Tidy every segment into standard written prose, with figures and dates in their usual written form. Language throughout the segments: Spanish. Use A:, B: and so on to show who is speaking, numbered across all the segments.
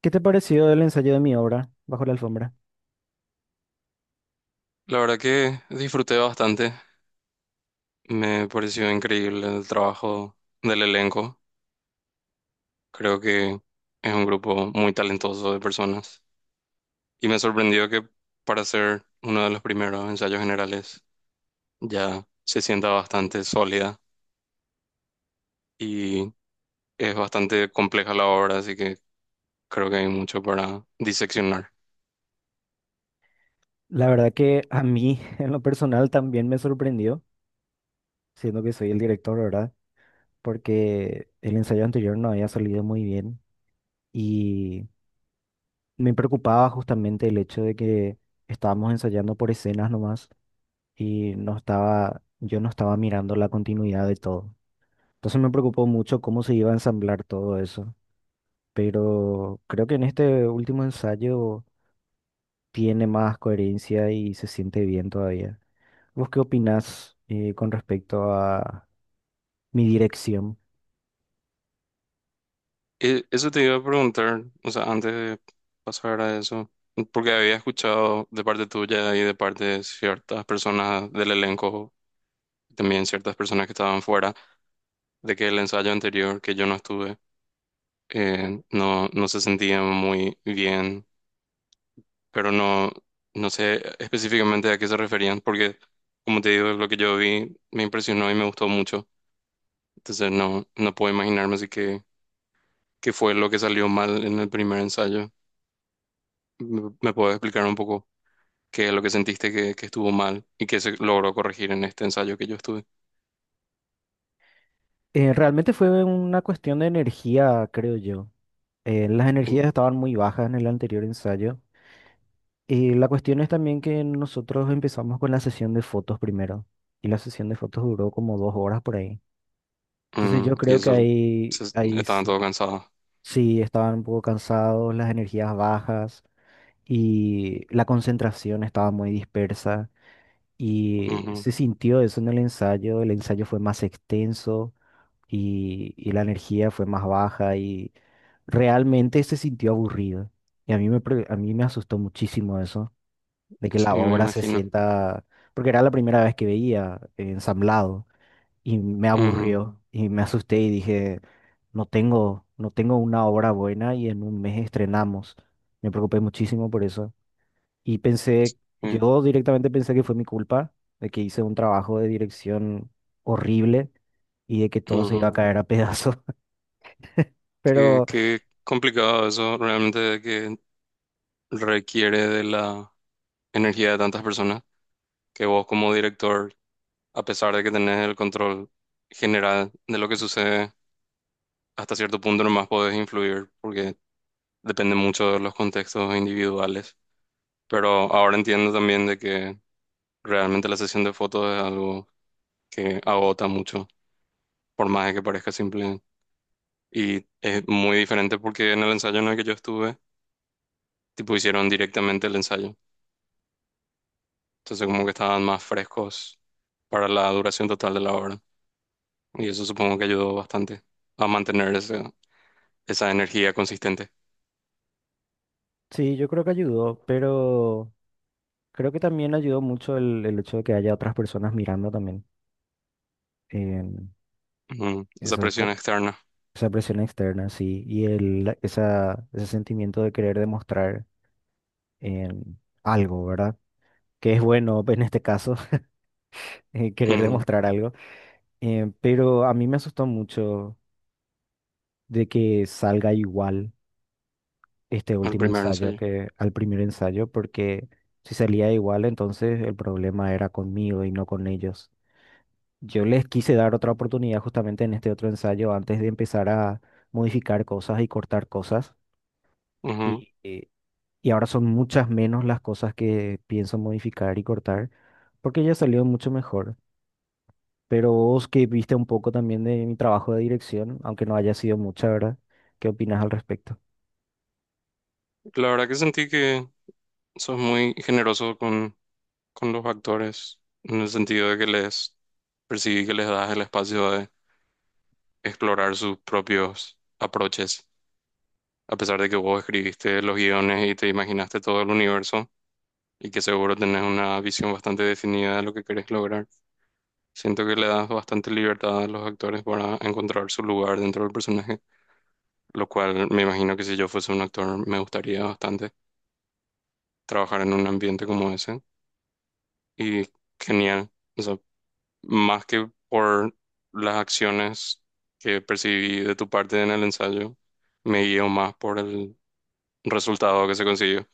A: ¿Qué te pareció el ensayo de mi obra, Bajo la alfombra?
B: La verdad que disfruté bastante. Me pareció increíble el trabajo del elenco. Creo que es un grupo muy talentoso de personas. Y me sorprendió que para ser uno de los primeros ensayos generales ya se sienta bastante sólida y es bastante compleja la obra, así que creo que hay mucho para diseccionar.
A: La verdad que a mí, en lo personal, también me sorprendió, siendo que soy el director, ¿verdad? Porque el ensayo anterior no había salido muy bien y me preocupaba justamente el hecho de que estábamos ensayando por escenas nomás y yo no estaba mirando la continuidad de todo. Entonces me preocupó mucho cómo se iba a ensamblar todo eso, pero creo que en este último ensayo tiene más coherencia y se siente bien todavía. ¿Vos qué opinás con respecto a mi dirección?
B: Eso te iba a preguntar, o sea, antes de pasar a eso, porque había escuchado de parte tuya y de parte de ciertas personas del elenco, también ciertas personas que estaban fuera, de que el ensayo anterior que yo no estuve, no, no se sentían muy bien, pero no, no sé específicamente a qué se referían, porque como te digo, lo que yo vi me impresionó y me gustó mucho, entonces no, no puedo imaginarme así que qué fue lo que salió mal en el primer ensayo. ¿Me puedes explicar un poco qué es lo que sentiste que estuvo mal y que se logró corregir en este ensayo que yo estuve?
A: Realmente fue una cuestión de energía, creo yo. Las energías
B: En-
A: estaban muy bajas en el anterior ensayo. Y la cuestión es también que nosotros empezamos con la sesión de fotos primero. Y la sesión de fotos duró como dos horas por ahí. Entonces yo
B: y
A: creo que
B: eso,
A: ahí,
B: se-
A: ahí
B: estaban
A: sí,
B: todos cansados.
A: sí estaban un poco cansados, las energías bajas y la concentración estaba muy dispersa. Y
B: Ujú.
A: se sintió eso en el ensayo fue más extenso y la energía fue más baja y realmente se sintió aburrido. Y a mí me asustó muchísimo eso, de que
B: Sí,
A: la
B: me
A: obra se
B: imagino.
A: sienta, porque era la primera vez que veía ensamblado y me
B: Ujú,
A: aburrió y me asusté y dije, no tengo una obra buena y en un mes estrenamos. Me preocupé muchísimo por eso. Y pensé,
B: sí,
A: yo directamente pensé que fue mi culpa de que hice un trabajo de dirección horrible y de que todo se iba a
B: ujú.
A: caer a pedazos.
B: Qué,
A: Pero
B: qué complicado eso realmente, de que requiere de la energía de tantas personas, que vos como director, a pesar de que tenés el control general de lo que sucede, hasta cierto punto nomás podés influir porque depende mucho de los contextos individuales. Pero ahora entiendo también de que realmente la sesión de fotos es algo que agota mucho, por más de que parezca simple. Y es muy diferente porque en el ensayo en el que yo estuve, tipo hicieron directamente el ensayo. Entonces como que estaban más frescos para la duración total de la obra. Y eso supongo que ayudó bastante a mantener ese- esa energía consistente.
A: sí, yo creo que ayudó, pero creo que también ayudó mucho el hecho de que haya otras personas mirando también. em,
B: Ujú. Esa
A: Eso,
B: presión externa.
A: esa presión externa, sí, y ese sentimiento de querer demostrar em, algo, ¿verdad? Que es bueno en este caso, querer
B: Ujú.
A: demostrar algo. Pero a mí me asustó mucho de que salga igual este
B: El
A: último
B: primer
A: ensayo
B: ensayo.
A: que al primer ensayo, porque si salía igual, entonces el problema era conmigo y no con ellos. Yo les quise dar otra oportunidad justamente en este otro ensayo antes de empezar a modificar cosas y cortar cosas.
B: Ujú.
A: Y, eh, y ahora son muchas menos las cosas que pienso modificar y cortar, porque ya salió mucho mejor. Pero vos que viste un poco también de mi trabajo de dirección, aunque no haya sido mucha, ¿verdad? ¿Qué opinas al respecto?
B: La verdad que sentí que sos muy generoso con los actores, en el sentido de que les percibí que les das el espacio de explorar sus propios aproches, a pesar de que vos escribiste los guiones y te imaginaste todo el universo y que seguro tenés una visión bastante definida de lo que querés lograr. Siento que le das bastante libertad a los actores para encontrar su lugar dentro del personaje, lo cual me imagino que si yo fuese un actor me gustaría bastante trabajar en un ambiente como ese. Y genial. Más que por las acciones que percibí de tu parte en el ensayo, me guío más por el resultado que se consiguió.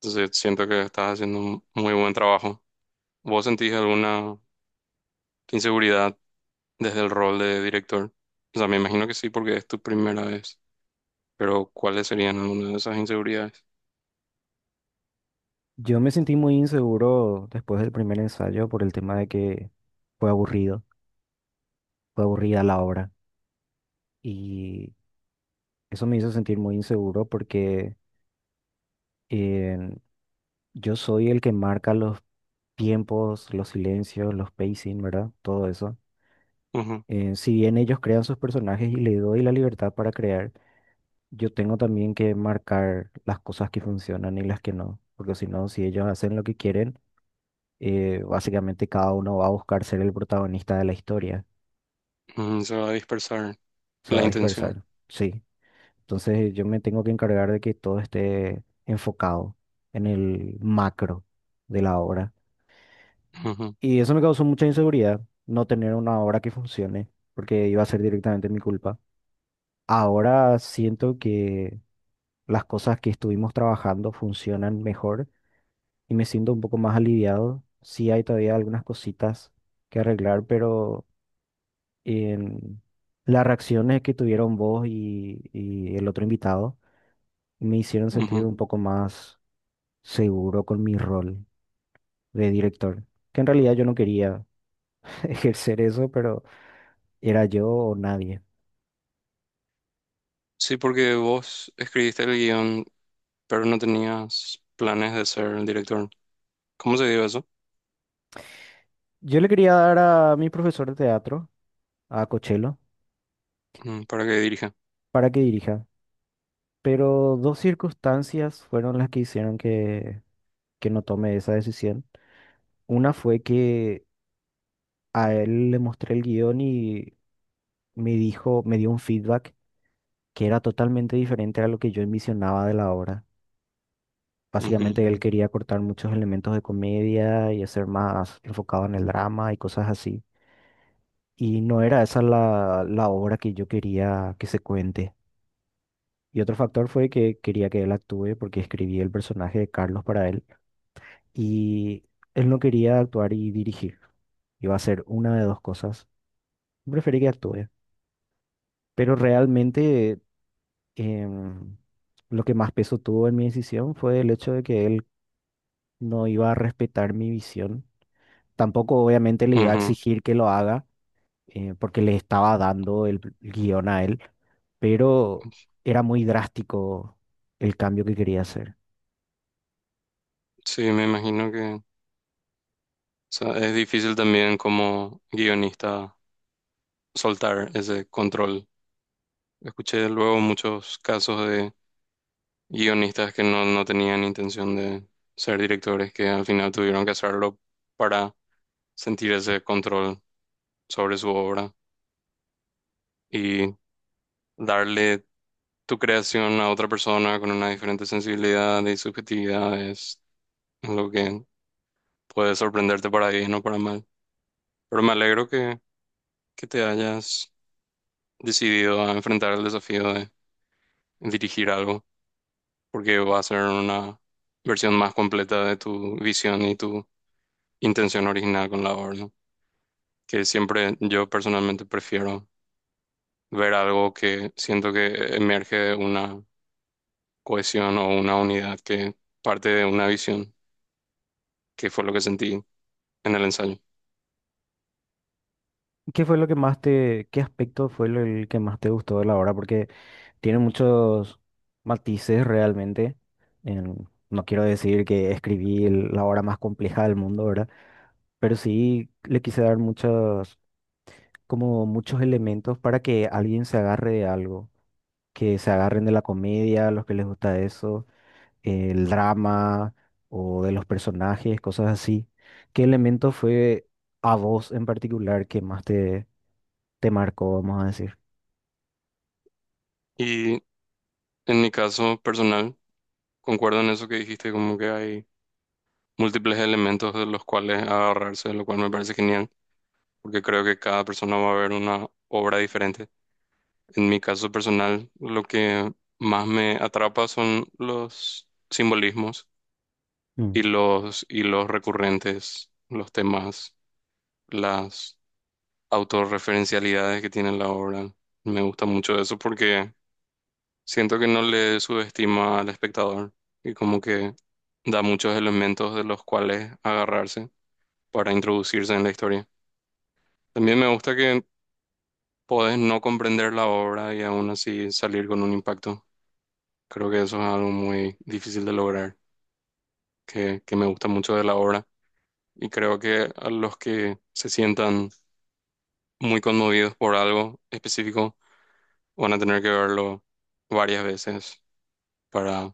B: Entonces siento que estás haciendo un muy buen trabajo. ¿Vos sentís alguna inseguridad desde el rol de director? O sea, me imagino que sí, porque es tu primera vez, pero ¿cuáles serían algunas de esas inseguridades?
A: Yo me sentí muy inseguro después del primer ensayo por el tema de que fue aburrido, fue aburrida la obra y eso me hizo sentir muy inseguro porque eh, yo soy el que marca los tiempos, los silencios, los pacing, ¿verdad? Todo eso.
B: Ujú,
A: Si bien ellos crean sus personajes y le doy la libertad para crear, yo tengo también que marcar las cosas que funcionan y las que no, porque si no, si ellos hacen lo que quieren, básicamente cada uno va a buscar ser el protagonista de la historia.
B: ujú. Se va a dispersar
A: Se
B: la
A: va a
B: intención.
A: dispersar, sí. Entonces yo me tengo que encargar de que todo esté enfocado en el macro de la obra.
B: Ujú,
A: Y eso me causó mucha inseguridad, no tener una obra que funcione, porque iba a ser directamente mi culpa. Ahora siento que las cosas que estuvimos trabajando funcionan mejor y me siento un poco más aliviado. Sí hay todavía algunas cositas que arreglar, pero en las reacciones que tuvieron vos y el otro invitado. Me hicieron sentir
B: ujú.
A: un poco más seguro con mi rol de director, que en realidad yo no quería ejercer eso, pero era yo o nadie.
B: Sí, porque vos escribiste el guión, pero no tenías planes de ser el director. ¿Cómo se dio eso?
A: Yo le quería dar a mi profesor de teatro, a Cochelo,
B: Mm. Para que dirija.
A: para que dirija, pero dos circunstancias fueron las que hicieron que no tome esa decisión. Una fue que a él le mostré el guión y me dijo, me dio un feedback que era totalmente diferente a lo que yo envisionaba de la obra.
B: Ujú,
A: Básicamente él quería cortar muchos elementos de comedia y hacer más enfocado en el drama y cosas así. Y no era esa la obra que yo quería que se cuente. Y otro factor fue que quería que él actúe porque escribí el personaje de Carlos para él. Y él no quería actuar y dirigir. Iba a ser una de dos cosas. Preferí que actúe. Pero realmente em, lo que más peso tuvo en mi decisión fue el hecho de que él no iba a respetar mi visión. Tampoco obviamente le iba a
B: ujú.
A: exigir que lo haga, porque le estaba dando el guión a él, pero era muy drástico el cambio que quería hacer.
B: Sí, me imagino que, o sea, es difícil también como guionista soltar ese control. Escuché luego muchos casos de guionistas que no, no tenían intención de ser directores, que al final tuvieron que hacerlo para sentir ese control sobre su obra. Y darle tu creación a otra persona con una diferente sensibilidad y subjetividad es lo que puede sorprenderte para bien o para mal. Pero me alegro que te hayas decidido a enfrentar el desafío de dirigir algo, porque va a ser una versión más completa de tu visión y tu intención original con la obra, ¿no? Que siempre yo personalmente prefiero ver algo que siento que emerge de una cohesión o una unidad que parte de una visión, que fue lo que sentí en el ensayo.
A: ¿Qué fue lo que más te, qué aspecto fue el que más te gustó de la obra? Porque tiene muchos matices realmente. En- no quiero decir que escribí la obra más compleja del mundo, ¿verdad? Pero sí le quise dar muchos, como muchos elementos para que alguien se agarre de algo. Que se agarren de la comedia, los que les gusta eso, el drama o de los personajes, cosas así. ¿Qué elemento fue a vos en particular que más te marcó, vamos a decir?
B: Y en mi caso personal, concuerdo en eso que dijiste, como que hay múltiples elementos de los cuales agarrarse, lo cual me parece genial, porque creo que cada persona va a ver una obra diferente. En mi caso personal, lo que más me atrapa son los simbolismos
A: Mm,
B: y los recurrentes, los temas, las autorreferencialidades que tiene la obra. Me gusta mucho eso porque siento que no le subestima al espectador y como que da muchos elementos de los cuales agarrarse para introducirse en la historia. También me gusta que podés no comprender la obra y aún así salir con un impacto. Creo que eso es algo muy difícil de lograr, que me gusta mucho de la obra. Y creo que a los que se sientan muy conmovidos por algo específico van a tener que verlo varias veces para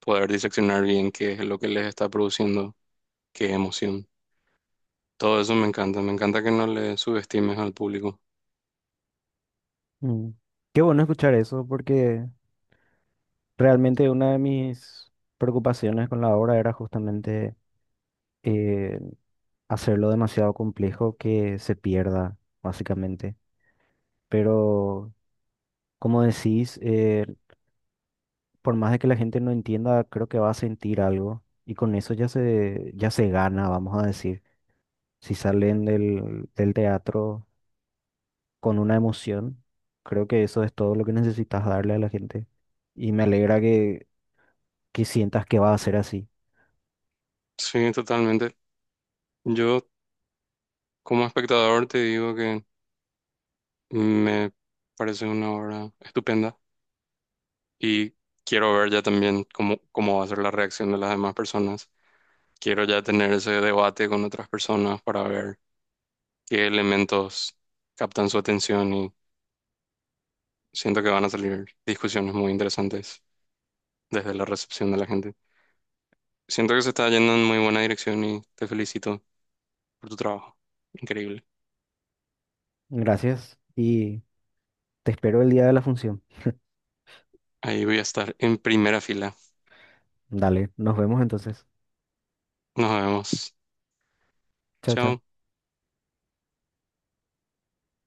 B: poder diseccionar bien qué es lo que les está produciendo, qué emoción. Todo eso me encanta que no le subestimes al público.
A: mm. Qué bueno escuchar eso porque realmente una de mis preocupaciones con la obra era justamente eh, hacerlo demasiado complejo que se pierda, básicamente. Pero, como decís, por más de que la gente no entienda, creo que va a sentir algo y con eso ya se gana, vamos a decir. Si salen del teatro con una emoción, creo que eso es todo lo que necesitas darle a la gente y me alegra que sientas que va a ser así.
B: Sí, totalmente. Yo como espectador te digo que... me parece una obra estupenda y quiero ver ya también cómo, cómo va a ser la reacción de las demás personas. Quiero ya tener ese debate con otras personas para ver qué elementos captan su atención y siento que van a salir discusiones muy interesantes desde la recepción de la gente. Siento que se está yendo en muy buena dirección y te felicito por tu trabajo. Increíble.
A: Gracias y te espero el día de la función.
B: Ahí voy a estar en primera fila.
A: Dale, nos vemos entonces.
B: Nos vemos.
A: Chao, chao.
B: Chao.